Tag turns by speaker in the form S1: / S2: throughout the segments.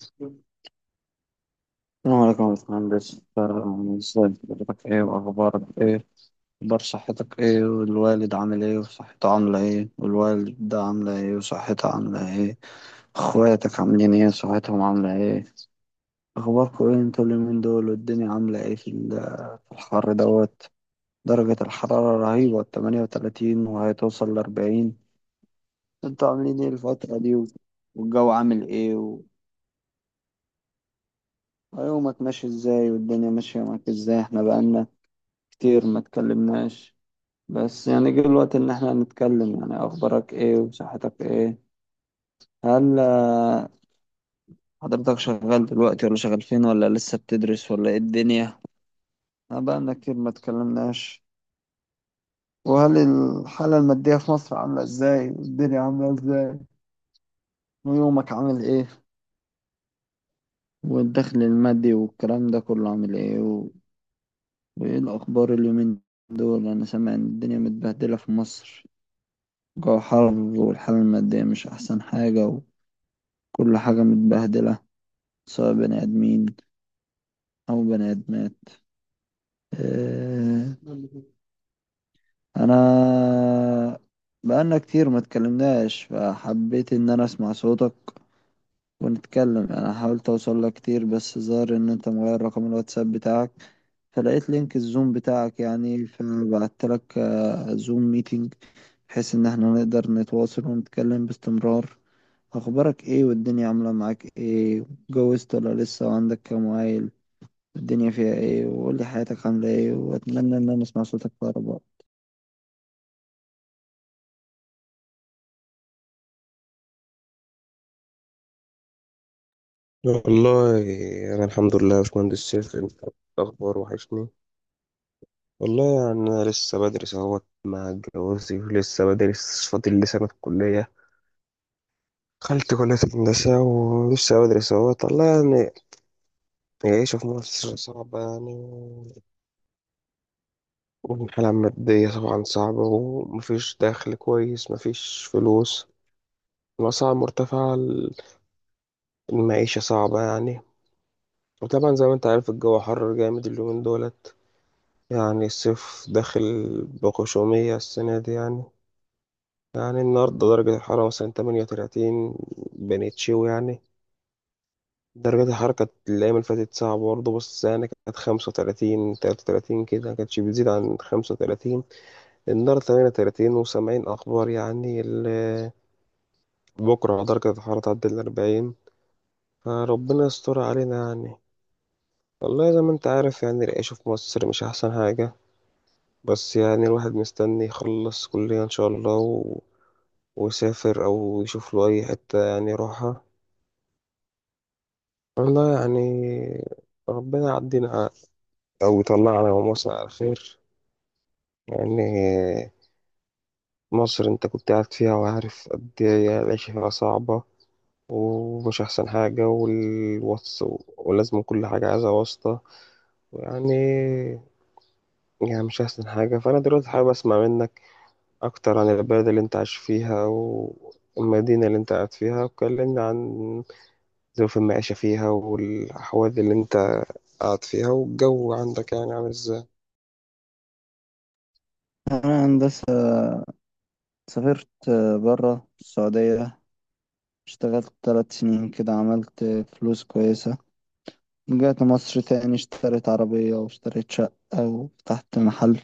S1: السلام عليكم يا باشمهندس، ازاي حضرتك؟ ايه واخبارك؟ ايه اخبار صحتك؟ ايه والوالد عامل ايه وصحته عاملة ايه؟ والوالدة عاملة ايه وصحتها عاملة ايه؟ اخواتك عاملين ايه؟ صحتهم عاملة ايه؟ اخباركم ايه انتوا اليومين دول؟ والدنيا عاملة ايه في الحر دوت؟ درجة الحرارة رهيبة، 38 وهتوصل ل40. انتوا عاملين ايه الفترة دي؟ والجو عامل ايه يومك ماشي ازاي؟ والدنيا ماشية معاك ازاي؟ احنا بقالنا كتير ما اتكلمناش. بس يعني جه الوقت ان احنا نتكلم. يعني اخبارك ايه وصحتك ايه؟ هل حضرتك شغال دلوقتي؟ ولا شغال فين؟ ولا لسه بتدرس؟ ولا ايه الدنيا؟ أنا بقالنا كتير ما اتكلمناش. وهل الحالة المادية في مصر عاملة ازاي؟ والدنيا عاملة ازاي؟ ويومك عامل ايه؟ والدخل المادي والكلام ده كله عامل ايه وايه الاخبار اليومين دول؟ انا سامع ان الدنيا متبهدلة في مصر. جو حر، والحالة المادية مش احسن حاجة. كل حاجة متبهدلة، سواء بني آدمين أو بني آدمات. آه، أنا بقالنا كتير ما اتكلمناش، فحبيت إن أنا أسمع صوتك ونتكلم. أنا حاولت أوصل لك كتير، بس ظهر إن أنت مغير رقم الواتساب بتاعك، فلقيت لينك الزوم بتاعك يعني، فبعت لك زوم ميتينج، بحيث إن احنا نقدر نتواصل ونتكلم باستمرار. أخبارك إيه؟ والدنيا عاملة معاك إيه؟ اتجوزت ولا لسه؟ وعندك كام عيل؟ الدنيا فيها ايه؟ وقول لي حياتك عاملة ايه، واتمنى ان انا اسمع صوتك في اقرب وقت.
S2: والله، أنا الحمد لله يا باشمهندس سيف. أنت الأخبار وحشني. والله يعني أنا لسه بدرس أهوت مع جوازي، ولسه بدرس، فاضل لي سنة كلية. دخلت كلية هندسة ولسه بدرس أهوت. والله يعني العيشة في مصر صعبة يعني، والحالة المادية طبعا صعبة، ومفيش دخل كويس، مفيش فلوس، الأسعار مرتفعة، المعيشة صعبة يعني. وطبعا زي ما أنت عارف الجو حر جامد اليومين دول، يعني الصيف داخل بغشومية السنة دي يعني. يعني النهاردة درجة الحرارة مثلا 38، بنتشيو يعني. درجة الحرارة كانت الأيام اللي فاتت صعبة برضه، بس يعني كانت 35، 33 كده، مكانتش بتزيد عن 35. النهاردة 38 وسامعين أخبار يعني بكرة درجة الحرارة تعدي ال 40، فربنا يستر علينا يعني. والله زي ما انت عارف يعني العيش في مصر مش أحسن حاجة، بس يعني الواحد مستني يخلص كلية إن شاء الله ويسافر، أو يشوف له أي حتة يعني يروحها. والله يعني ربنا يعدينا أو يطلعنا ومصر على خير يعني. مصر أنت كنت قاعد فيها وعارف قد إيه العيشة فيها صعبة، ومش أحسن حاجة، والوص، ولازم كل حاجة عايزة واسطة يعني. يعني مش أحسن حاجة. فأنا دلوقتي حابب أسمع منك أكتر عن البلد اللي أنت عايش فيها، والمدينة اللي أنت قاعد فيها، وكلمني عن ظروف المعيشة فيها، والأحوال اللي أنت قاعد فيها، والجو عندك يعني عامل إزاي.
S1: انا هندسة، سافرت برا السعودية، اشتغلت 3 سنين كده، عملت فلوس كويسة، رجعت مصر تاني، اشتريت عربية واشتريت شقة وفتحت محل.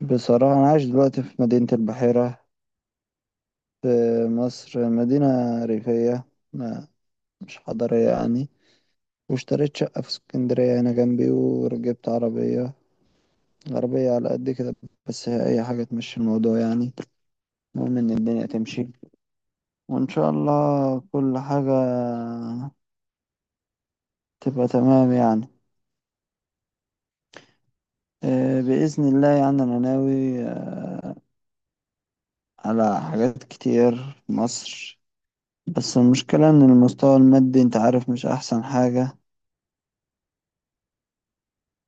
S1: بصراحة أنا عايش دلوقتي في مدينة البحيرة، في مصر، مدينة ريفية، ما مش حضرية يعني. واشتريت شقة في اسكندرية هنا جنبي، وركبت عربية، عربية على قد كده، بس هي أي حاجة تمشي الموضوع يعني. المهم إن الدنيا تمشي، وإن شاء الله كل حاجة تبقى تمام يعني. بإذن الله يعني أنا ناوي على حاجات كتير في مصر. بس المشكلة إن المستوى المادي أنت عارف مش أحسن حاجة،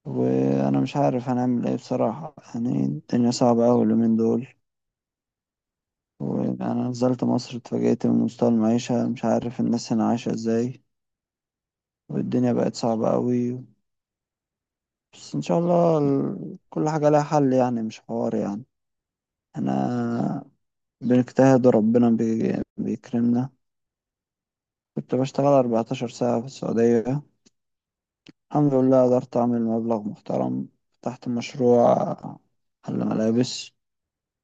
S1: وأنا مش عارف هنعمل إيه بصراحة. يعني الدنيا صعبة أوي اليومين دول. وأنا نزلت مصر اتفاجئت من مستوى المعيشة، مش عارف الناس هنا عايشة إزاي، والدنيا بقت صعبة أوي. بس ان شاء الله كل حاجة لها حل يعني، مش حوار يعني. انا بنجتهد وربنا بيكرمنا. كنت بشتغل 14 ساعة في السعودية، الحمد لله قدرت اعمل مبلغ محترم، فتحت مشروع، محل ملابس،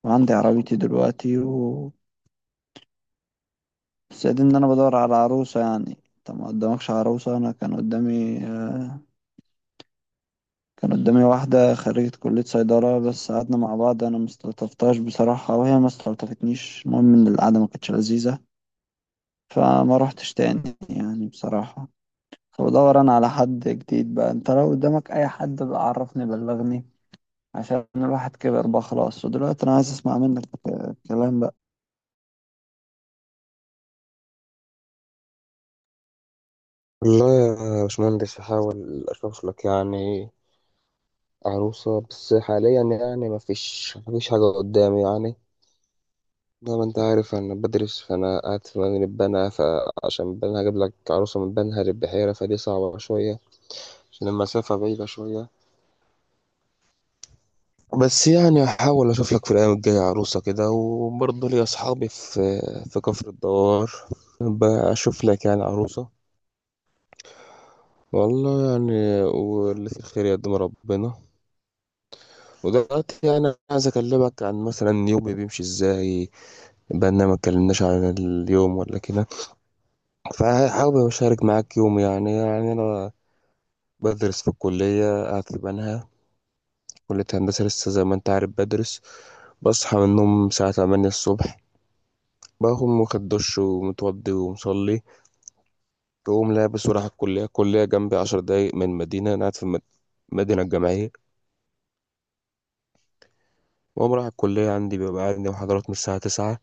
S1: وعندي عربيتي دلوقتي، و بس قاعدين ان انا بدور على عروسة. يعني انت ما قدامكش عروسة؟ انا كان قدامي كان قدامي واحدة خريجة كلية صيدلة، بس قعدنا مع بعض، أنا مستلطفتهاش بصراحة، وهي ما استلطفتنيش، المهم إن القعدة ما كانتش لذيذة، فما روحتش تاني يعني بصراحة. فبدور أنا على حد جديد بقى. أنت لو قدامك أي حد بقى عرفني، بلغني، عشان الواحد كبر بقى خلاص. ودلوقتي أنا عايز أسمع منك كلام بقى.
S2: والله يا باشمهندس هحاول أشوف لك يعني عروسة، بس حاليا يعني مفيش حاجة قدامي يعني. زي ما أنت عارف أنا بدرس، فأنا قاعد في مدينة بنها، فعشان بنها أجيب لك عروسة من بنها للبحيرة، فدي صعبة شوية، عشان المسافة بعيدة شوية. بس يعني هحاول أشوف لك في الأيام الجاية عروسة كده، وبرضه لي أصحابي في كفر الدوار، بشوف لك يعني عروسة. والله يعني واللي في الخير يقدم ربنا. ودلوقتي يعني عايز اكلمك عن مثلا يومي بيمشي ازاي، بقى ما اتكلمناش عن اليوم ولا كده. فحابب اشارك معاك يومي يعني. يعني انا بدرس في الكلية، قاعد في بنها، كلية هندسة لسه، زي ما انت عارف بدرس. بصحى من النوم الساعة 8 الصبح، بقوم واخد دش ومتوضي ومصلي. بقوم لابس ورايح الكلية، الكلية جنبي عشر دقايق من مدينة أنا قاعد في المدينة الجامعية. وأقوم رايح الكلية، عندي بيبقى عندي محاضرات من الساعة تسعة،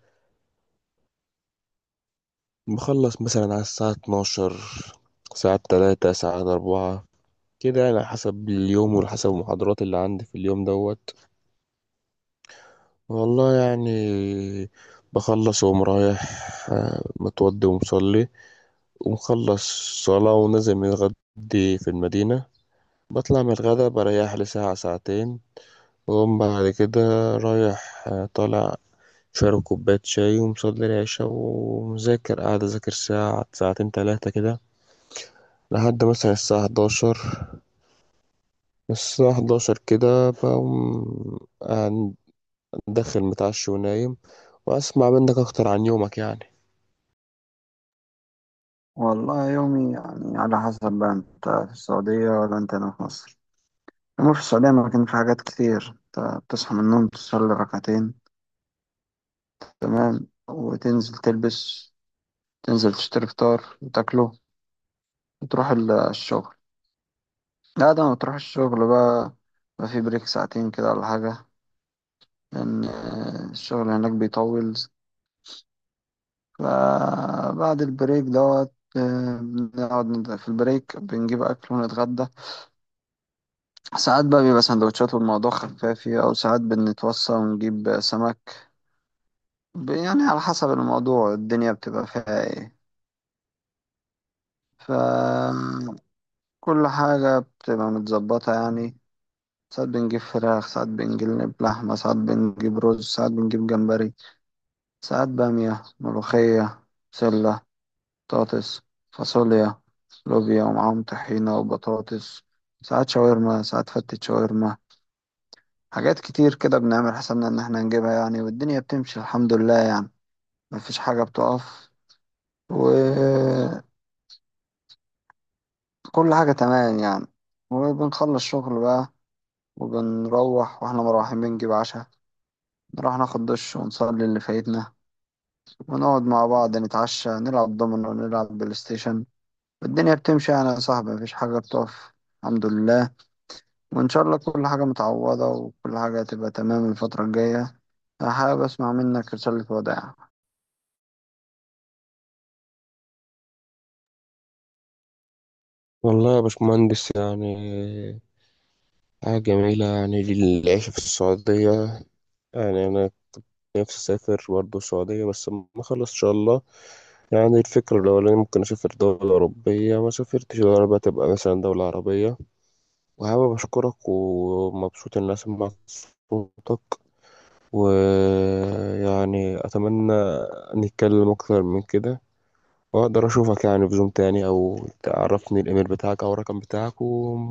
S2: بخلص مثلا على الساعة اتناشر، ساعات تلاتة، ساعات أربعة كده يعني، على حسب اليوم وحسب المحاضرات اللي عندي في اليوم دوت. والله يعني بخلص وأقوم رايح، متوضي ومصلي ومخلص صلاة، ونازل متغدي في المدينة. بطلع من الغدا بريح لي ساعة ساعتين، وأقوم بعد كده رايح طالع، شارب كوباية شاي ومصلي العشاء ومذاكر، قاعد أذاكر ساعة ساعتين تلاتة كده، لحد مثلا الساعة 11. الساعة 11 كده بقوم قاعد داخل متعشي ونايم. وأسمع منك أكتر عن يومك يعني.
S1: والله يومي يعني على حسب بقى أنت في السعودية ولا أنت هنا في مصر. أما في السعودية، ما كان في حاجات كتير. أنت بتصحى من النوم، تصلي ركعتين، تمام، وتنزل تلبس، تنزل تشتري فطار وتاكله، وتروح الشغل. لا، ده ما تروح الشغل بقى، بقى في بريك ساعتين كده ولا حاجة، لأن الشغل هناك بيطول. فبعد البريك دوت، بنقعد في البريك بنجيب أكل ونتغدى. ساعات بقى بيبقى سندوتشات والموضوع خفافي، أو ساعات بنتوصى ونجيب سمك. يعني على حسب الموضوع، الدنيا بتبقى فيها إيه. فكل حاجة بتبقى متظبطة يعني. ساعات بنجيب فراخ، ساعات بنجيب لحمة، ساعات بنجيب رز، ساعات بنجيب جمبري، ساعات بامية، ملوخية، بسلة، بطاطس، فاصوليا، لوبيا، ومعاهم طحينة وبطاطس. ساعات شاورما، ساعات فتة شاورما، حاجات كتير كده بنعمل حسابنا إن احنا نجيبها يعني، والدنيا بتمشي الحمد لله يعني، مفيش حاجة بتقف، وكل حاجة تمام يعني. وبنخلص شغل بقى، وبنروح، واحنا مروحين بنجيب عشاء، نروح ناخد دش ونصلي اللي فايتنا، ونقعد مع بعض نتعشى، نلعب دومينو، نلعب بلاي ستيشن. الدنيا بتمشي يعني يا صاحبي، مفيش حاجة بتقف، الحمد لله، وإن شاء الله كل حاجة متعوضة وكل حاجة هتبقى تمام الفترة الجاية. حابب أسمع منك رسالة وداع.
S2: والله يا باشمهندس يعني حاجة جميلة يعني العيش في السعودية. يعني أنا نفسي أسافر برضه السعودية، بس لما أخلص إن شاء الله. يعني الفكرة الأولانية ممكن أسافر دولة أوروبية، ما سافرتش دولة، بقى تبقى مثلا دولة عربية. وحابب أشكرك ومبسوط إني أسمع صوتك، ويعني أتمنى نتكلم أكتر من كده، وأقدر أشوفك يعني في زوم تاني، أو تعرفني الإيميل بتاعك أو الرقم بتاعك و...